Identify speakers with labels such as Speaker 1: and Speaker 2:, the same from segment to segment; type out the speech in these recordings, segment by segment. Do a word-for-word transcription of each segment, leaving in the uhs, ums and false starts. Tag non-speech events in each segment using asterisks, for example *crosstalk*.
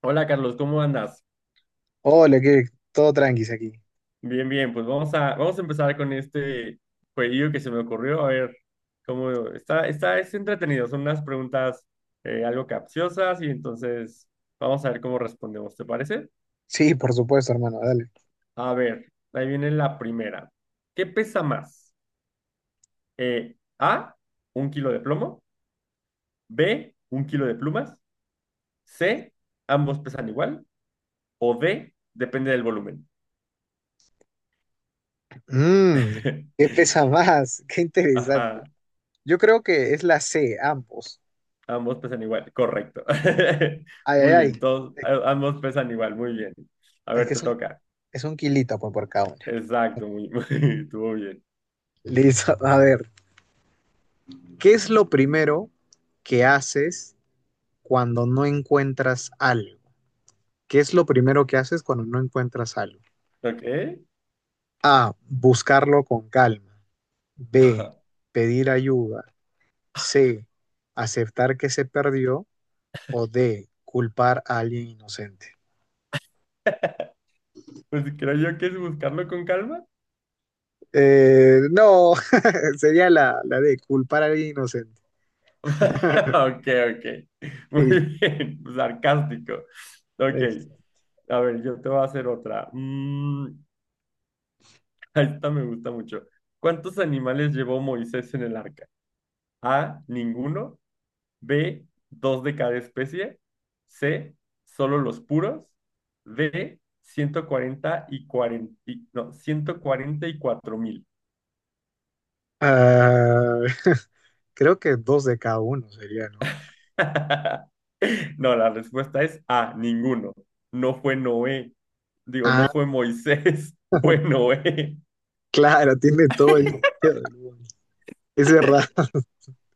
Speaker 1: Hola Carlos, ¿cómo andas?
Speaker 2: Hola, que todo tranquis aquí.
Speaker 1: Bien, bien, pues vamos a, vamos a empezar con este jueguillo que se me ocurrió. A ver, cómo está, está, es entretenido, son unas preguntas eh, algo capciosas y entonces vamos a ver cómo respondemos, ¿te parece?
Speaker 2: Sí, por supuesto, hermano, dale.
Speaker 1: A ver, ahí viene la primera. ¿Qué pesa más? Eh, A, un kilo de plomo, B, un kilo de plumas, C, ambos pesan igual, o D, depende del volumen.
Speaker 2: Mmm,
Speaker 1: *laughs*
Speaker 2: ¿qué pesa más? *laughs* Qué interesante.
Speaker 1: Ajá.
Speaker 2: Yo creo que es la C, ambos.
Speaker 1: Ambos pesan igual, correcto. *laughs*
Speaker 2: Ay, ay,
Speaker 1: Muy
Speaker 2: ay.
Speaker 1: bien, todos,
Speaker 2: Es
Speaker 1: a- ambos pesan igual, muy bien. A
Speaker 2: es
Speaker 1: ver,
Speaker 2: que
Speaker 1: te
Speaker 2: es un,
Speaker 1: toca.
Speaker 2: es un kilito pues, por cada una.
Speaker 1: Exacto, muy, *laughs* muy, estuvo bien.
Speaker 2: Listo, *laughs* a ver. ¿Qué es lo primero que haces cuando no encuentras algo? ¿Qué es lo primero que haces cuando no encuentras algo?
Speaker 1: Ok. *laughs*
Speaker 2: A, buscarlo con calma. B,
Speaker 1: Ajá.
Speaker 2: pedir ayuda. C, aceptar que se perdió, o D, ¿culpar a alguien inocente?
Speaker 1: Pues creo yo que es buscarlo con calma. *laughs*
Speaker 2: Eh, no, *laughs* sería la, la D, culpar a alguien inocente. *laughs*
Speaker 1: Ok, ok. Muy
Speaker 2: Sí,
Speaker 1: bien, *laughs* sarcástico. Ok,
Speaker 2: next.
Speaker 1: a ver, yo te voy a hacer otra. Mm, *laughs* esta me gusta mucho. ¿Cuántos animales llevó Moisés en el arca? A, ninguno. B, dos de cada especie. C, solo los puros. D, ciento cuarenta y cuarenta y- no, ciento cuarenta y cuatro mil.
Speaker 2: Ah, *laughs* creo que dos de cada uno sería, ¿no?
Speaker 1: *laughs* No, la respuesta es A, ninguno. No fue Noé. Digo,
Speaker 2: Ah,
Speaker 1: no fue Moisés, *laughs* fue Noé.
Speaker 2: claro, tiene todo el
Speaker 1: *laughs*
Speaker 2: sentido del mundo. Es verdad.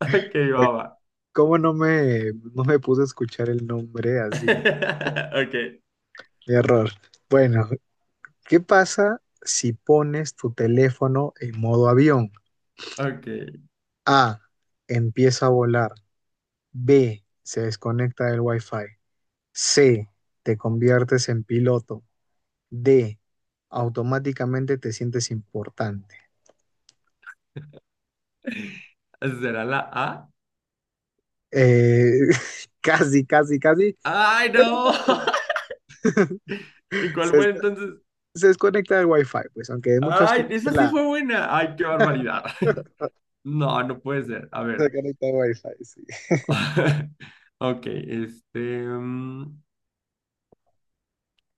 Speaker 1: Ok,
Speaker 2: *laughs*
Speaker 1: baba.
Speaker 2: ¿Cómo no me, no me puse a escuchar el nombre así?
Speaker 1: *laughs* Ok,
Speaker 2: Error. Bueno, ¿qué pasa si pones tu teléfono en modo avión?
Speaker 1: ok.
Speaker 2: A, empieza a volar. B, se desconecta del Wi-Fi. C, te conviertes en piloto. D, automáticamente te sientes importante.
Speaker 1: ¿Será la A?
Speaker 2: Eh, *laughs* casi, casi, casi,
Speaker 1: ¡Ay,
Speaker 2: pero
Speaker 1: no! *laughs*
Speaker 2: no.
Speaker 1: ¿Y cuál
Speaker 2: Se,
Speaker 1: fue
Speaker 2: desco-
Speaker 1: entonces?
Speaker 2: se desconecta del Wi-Fi, pues, aunque muchos
Speaker 1: ¡Ay,
Speaker 2: creen
Speaker 1: esa
Speaker 2: que
Speaker 1: sí
Speaker 2: la
Speaker 1: fue
Speaker 2: *laughs*
Speaker 1: buena! ¡Ay, qué barbaridad! *laughs* No, no puede ser. A
Speaker 2: se
Speaker 1: ver.
Speaker 2: desconecta del Wi-Fi, sí.
Speaker 1: *laughs* Ok, este. mm,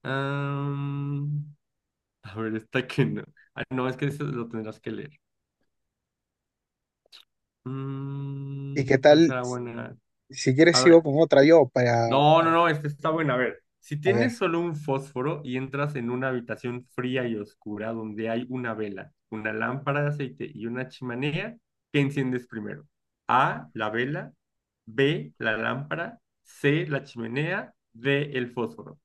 Speaker 1: am, a ver, esta que no. Ah, no, es que eso lo tendrás que leer.
Speaker 2: ¿Y qué
Speaker 1: Mm, ¿cuál
Speaker 2: tal?
Speaker 1: será buena?
Speaker 2: Si quieres
Speaker 1: A
Speaker 2: sigo
Speaker 1: ver.
Speaker 2: con otra yo para,
Speaker 1: No, no,
Speaker 2: para-
Speaker 1: no, esta está buena. A ver, si
Speaker 2: a ver.
Speaker 1: tienes solo un fósforo y entras en una habitación fría y oscura donde hay una vela, una lámpara de aceite y una chimenea, ¿qué enciendes primero? A, la vela, B, la lámpara, C, la chimenea, D, el fósforo.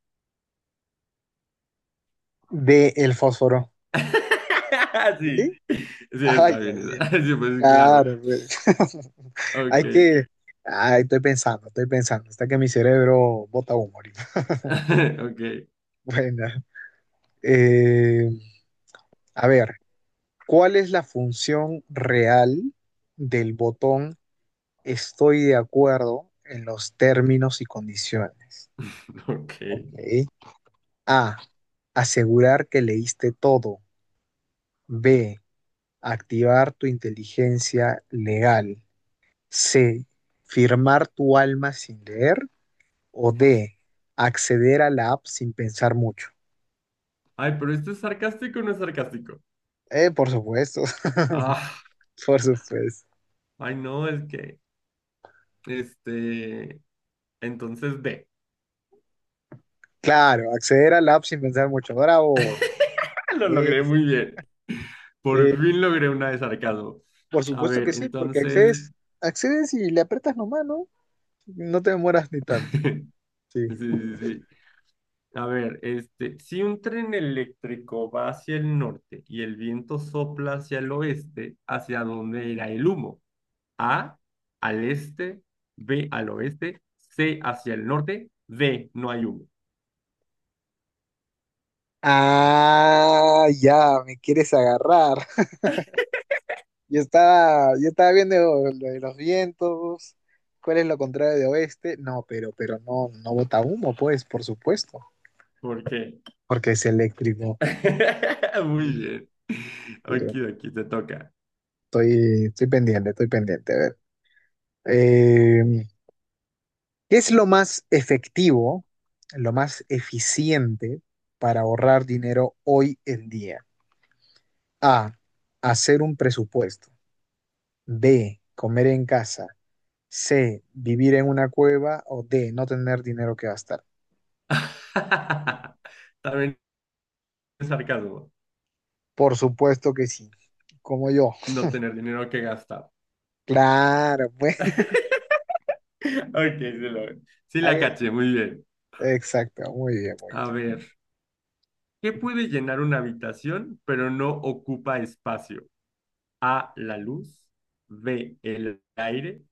Speaker 2: De el fósforo.
Speaker 1: *laughs*
Speaker 2: ¿Sí?
Speaker 1: Sí, sí,
Speaker 2: Ay,
Speaker 1: está
Speaker 2: ya,
Speaker 1: bien.
Speaker 2: ya.
Speaker 1: Esa. *laughs* Sí, pues claro.
Speaker 2: Claro, pues. *laughs* Hay
Speaker 1: Ok,
Speaker 2: que… Ay, estoy pensando, estoy pensando. Hasta que mi cerebro bota humo ahorita. *laughs*
Speaker 1: *laughs* ok,
Speaker 2: Bueno, eh, a ver, ¿cuál es la función real del botón estoy de acuerdo en los términos y condiciones?
Speaker 1: *laughs* ok.
Speaker 2: Ok. A, asegurar que leíste todo. B, activar tu inteligencia legal. C, firmar tu alma sin leer. O D, acceder a la app sin pensar mucho.
Speaker 1: Ay, pero ¿esto es sarcástico o no es sarcástico?
Speaker 2: Eh, por supuesto, *laughs*
Speaker 1: Ah,
Speaker 2: por supuesto.
Speaker 1: ay, no, es que... Este, entonces B.
Speaker 2: Claro, acceder al app sin pensar mucho. Bravo.
Speaker 1: ¡Ah! *laughs* Lo logré
Speaker 2: Es-
Speaker 1: muy bien. Por
Speaker 2: eh,
Speaker 1: fin logré una de sarcasmo.
Speaker 2: por
Speaker 1: A
Speaker 2: supuesto que
Speaker 1: ver,
Speaker 2: sí, porque
Speaker 1: entonces.
Speaker 2: accedes, accedes y le aprietas nomás, ¿no? No te demoras ni tanto.
Speaker 1: *laughs*
Speaker 2: Sí,
Speaker 1: Sí, sí,
Speaker 2: sí.
Speaker 1: sí. A ver, este, si un tren eléctrico va hacia el norte y el viento sopla hacia el oeste, ¿hacia dónde irá el humo? A, al este, B, al oeste, C, hacia el norte, D, no hay humo.
Speaker 2: Ah, ya, me quieres agarrar. *laughs* Yo estaba, yo estaba viendo lo de los vientos. ¿Cuál es lo contrario de oeste? No, pero, pero no, no bota humo, pues, por supuesto,
Speaker 1: ¿Por qué?
Speaker 2: porque es eléctrico.
Speaker 1: *laughs* Muy
Speaker 2: Mm,
Speaker 1: bien.
Speaker 2: eh,
Speaker 1: Aquí, aquí te toca.
Speaker 2: Estoy, estoy pendiente, estoy pendiente. A ver. Eh, ¿Qué es lo más efectivo, lo más eficiente para ahorrar dinero hoy en día? A, hacer un presupuesto. B, comer en casa. C, vivir en una cueva. O D, no tener dinero que gastar.
Speaker 1: *laughs* También es sarcasmo.
Speaker 2: Por supuesto que sí. Como yo.
Speaker 1: No tener dinero que gastar. *laughs*
Speaker 2: Claro, *laughs* pues.
Speaker 1: Ok, sí, lo- sí la
Speaker 2: ahí-
Speaker 1: caché, muy bien.
Speaker 2: Exacto. Muy bien, muy
Speaker 1: A
Speaker 2: bien.
Speaker 1: ver, ¿qué puede llenar una habitación pero no ocupa espacio? A, la luz, B, el aire,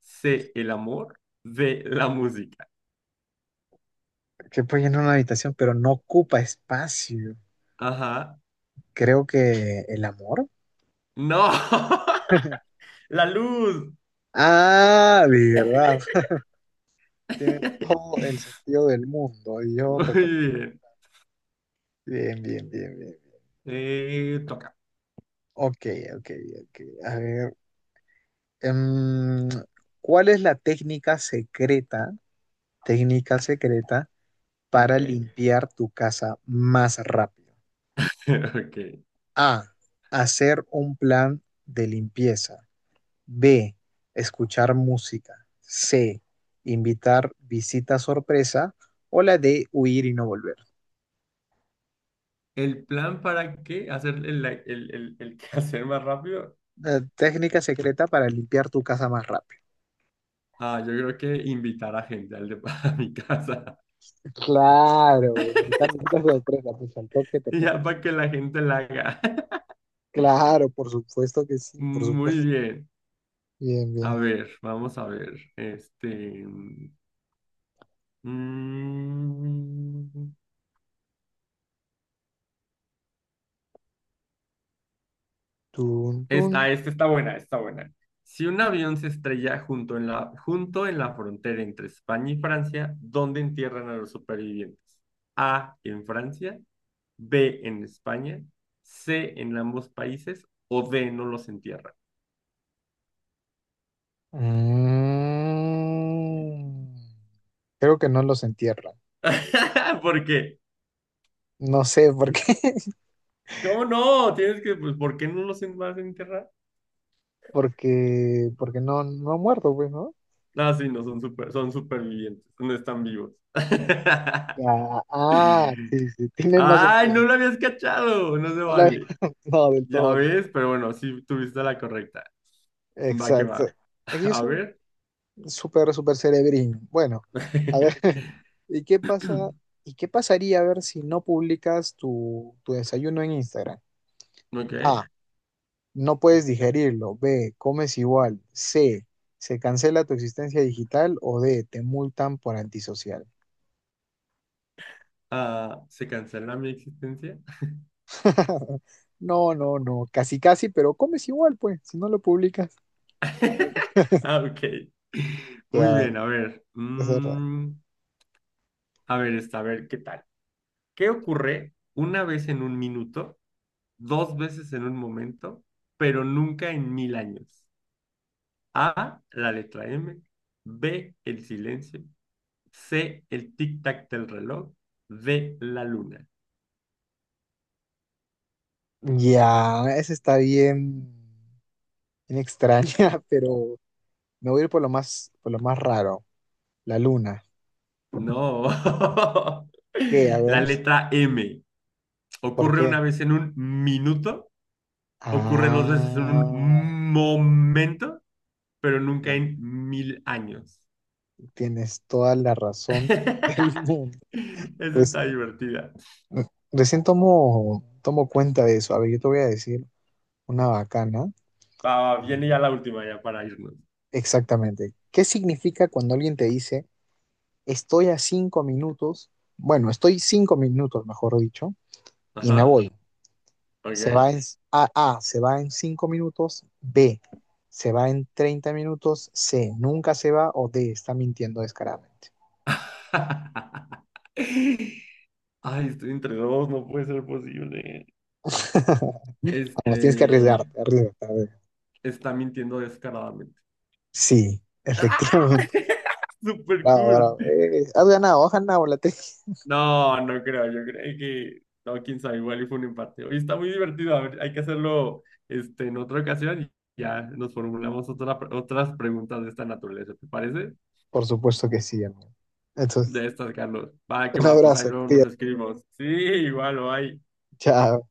Speaker 1: C, el amor, D, la música.
Speaker 2: Que puede llenar una habitación, pero no ocupa espacio.
Speaker 1: Ajá.
Speaker 2: Creo que el amor.
Speaker 1: No,
Speaker 2: *laughs*
Speaker 1: *laughs* la luz.
Speaker 2: Ah, de verdad. Tiene
Speaker 1: *laughs*
Speaker 2: todo el sentido del mundo. Y yo, ta- ta-
Speaker 1: Muy bien.
Speaker 2: bien, bien, bien, bien.
Speaker 1: Eh, toca.
Speaker 2: Ok, ok, ok. A ver, em, ¿cuál es la técnica secreta, técnica secreta
Speaker 1: Ok.
Speaker 2: para limpiar tu casa más rápido?
Speaker 1: *laughs* Ok.
Speaker 2: A, hacer un plan de limpieza. B, escuchar música. C, invitar visita sorpresa. O la D, huir y no volver.
Speaker 1: El plan para qué hacer el, el, el, el *laughs* quehacer más rápido,
Speaker 2: Eh, técnica secreta para limpiar tu casa más rápido.
Speaker 1: ah, yo creo que invitar a gente al de- *laughs* a mi casa,
Speaker 2: Claro, güey, ahorita necesitas sorpresa, pues al toque te
Speaker 1: y
Speaker 2: pones.
Speaker 1: ya para que la gente la haga. *laughs*
Speaker 2: Claro, por supuesto que sí, por
Speaker 1: Muy
Speaker 2: supuesto.
Speaker 1: bien.
Speaker 2: Bien,
Speaker 1: A
Speaker 2: bien.
Speaker 1: ver, vamos a ver. Este. mm,
Speaker 2: Tun, tun.
Speaker 1: esta, esta está buena, está buena. Si un avión se estrella junto en la, junto en la frontera entre España y Francia, ¿dónde entierran a los supervivientes? A, en Francia, B en España, C en ambos países o D no los entierran.
Speaker 2: Mm. Creo que no los entierran.
Speaker 1: *laughs* ¿Por qué?
Speaker 2: No sé por qué, *laughs*
Speaker 1: ¿Cómo no? Tienes que, pues, ¿por qué no los en- vas a enterrar?
Speaker 2: porque, porque no, no ha muerto, pues, ¿no?
Speaker 1: Ah, sí, no, son super, son supervivientes, no están vivos. *laughs*
Speaker 2: Ya, ah, sí, sí, tiene más
Speaker 1: Ay, no
Speaker 2: sentido.
Speaker 1: lo habías cachado, no se
Speaker 2: No, la-
Speaker 1: vale.
Speaker 2: *laughs* no, del
Speaker 1: Ya
Speaker 2: todo no.
Speaker 1: ves, pero bueno, sí tuviste la correcta. Va que
Speaker 2: Exacto.
Speaker 1: va. *laughs*
Speaker 2: Aquí es
Speaker 1: A ver. *clears throat*
Speaker 2: súper, súper cerebrín. Bueno, a ver, *laughs* ¿y qué pasa?
Speaker 1: *laughs*
Speaker 2: ¿Y qué pasaría a ver si no publicas tu, tu desayuno en Instagram?
Speaker 1: Ok.
Speaker 2: A, no puedes digerirlo. B, comes igual. C, se cancela tu existencia digital. O D, te multan por antisocial.
Speaker 1: Ah, ¿se cancela mi existencia?
Speaker 2: *laughs* No, no, no, casi, casi, pero comes igual, pues, si no lo publicas. *laughs*
Speaker 1: *laughs* Ah, ok. Muy
Speaker 2: Claro,
Speaker 1: bien, a ver.
Speaker 2: es verdad.
Speaker 1: mm, a ver, esta, a ver, ¿qué tal? ¿Qué ocurre una vez en un minuto, dos veces en un momento, pero nunca en mil años? A, la letra M. B, el silencio. C, el tic-tac del reloj. D, la luna.
Speaker 2: Ya, esa está bien, bien extraña, *laughs* pero me voy a ir por lo más, por lo más raro. La luna.
Speaker 1: No.
Speaker 2: ¿Qué? A
Speaker 1: *laughs* La
Speaker 2: ver,
Speaker 1: letra M.
Speaker 2: ¿por
Speaker 1: Ocurre
Speaker 2: qué?
Speaker 1: una vez en un minuto, ocurre dos veces en
Speaker 2: Ah,
Speaker 1: un momento pero nunca
Speaker 2: ya,
Speaker 1: en mil años.
Speaker 2: tienes toda la
Speaker 1: *laughs*
Speaker 2: razón *laughs* del
Speaker 1: Esa
Speaker 2: mundo. Pues
Speaker 1: está divertida.
Speaker 2: re- recién tomo, tomo cuenta de eso. A ver, yo te voy a decir una bacana.
Speaker 1: Va, va,
Speaker 2: Y
Speaker 1: viene ya la última, ya para irnos.
Speaker 2: Exactamente. ¿Qué significa cuando alguien te dice, estoy a cinco minutos? Bueno, estoy cinco minutos, mejor dicho, y me
Speaker 1: Ajá,
Speaker 2: voy. Se va
Speaker 1: ok.
Speaker 2: en A, A, se va en cinco minutos, B, se va en treinta minutos, C, nunca se va o D, está mintiendo descaradamente.
Speaker 1: *laughs* Ay, estoy entre dos, no puede ser posible.
Speaker 2: *laughs* Vamos, tienes que
Speaker 1: Este,
Speaker 2: arriesgarte, arriesgarte. A ver.
Speaker 1: está mintiendo descaradamente.
Speaker 2: Sí,
Speaker 1: ¡Ah!
Speaker 2: efectivamente.
Speaker 1: *laughs* Super
Speaker 2: Bravo,
Speaker 1: cool.
Speaker 2: bravo. Eh, has ganado, has ganado la tesis.
Speaker 1: No, no creo, yo creo que, no, quién sabe, igual y fue un empate. Hoy está muy divertido, a ver, hay que hacerlo este, en otra ocasión y ya nos formulamos otra, otras preguntas de esta naturaleza, ¿te parece?
Speaker 2: Por supuesto que sí, hermano. Entonces,
Speaker 1: De estas, Carlos. Va, que
Speaker 2: un
Speaker 1: va, pues ahí
Speaker 2: abrazo,
Speaker 1: luego nos
Speaker 2: cuídate.
Speaker 1: escribimos. Sí, igual, o hay.
Speaker 2: Chao.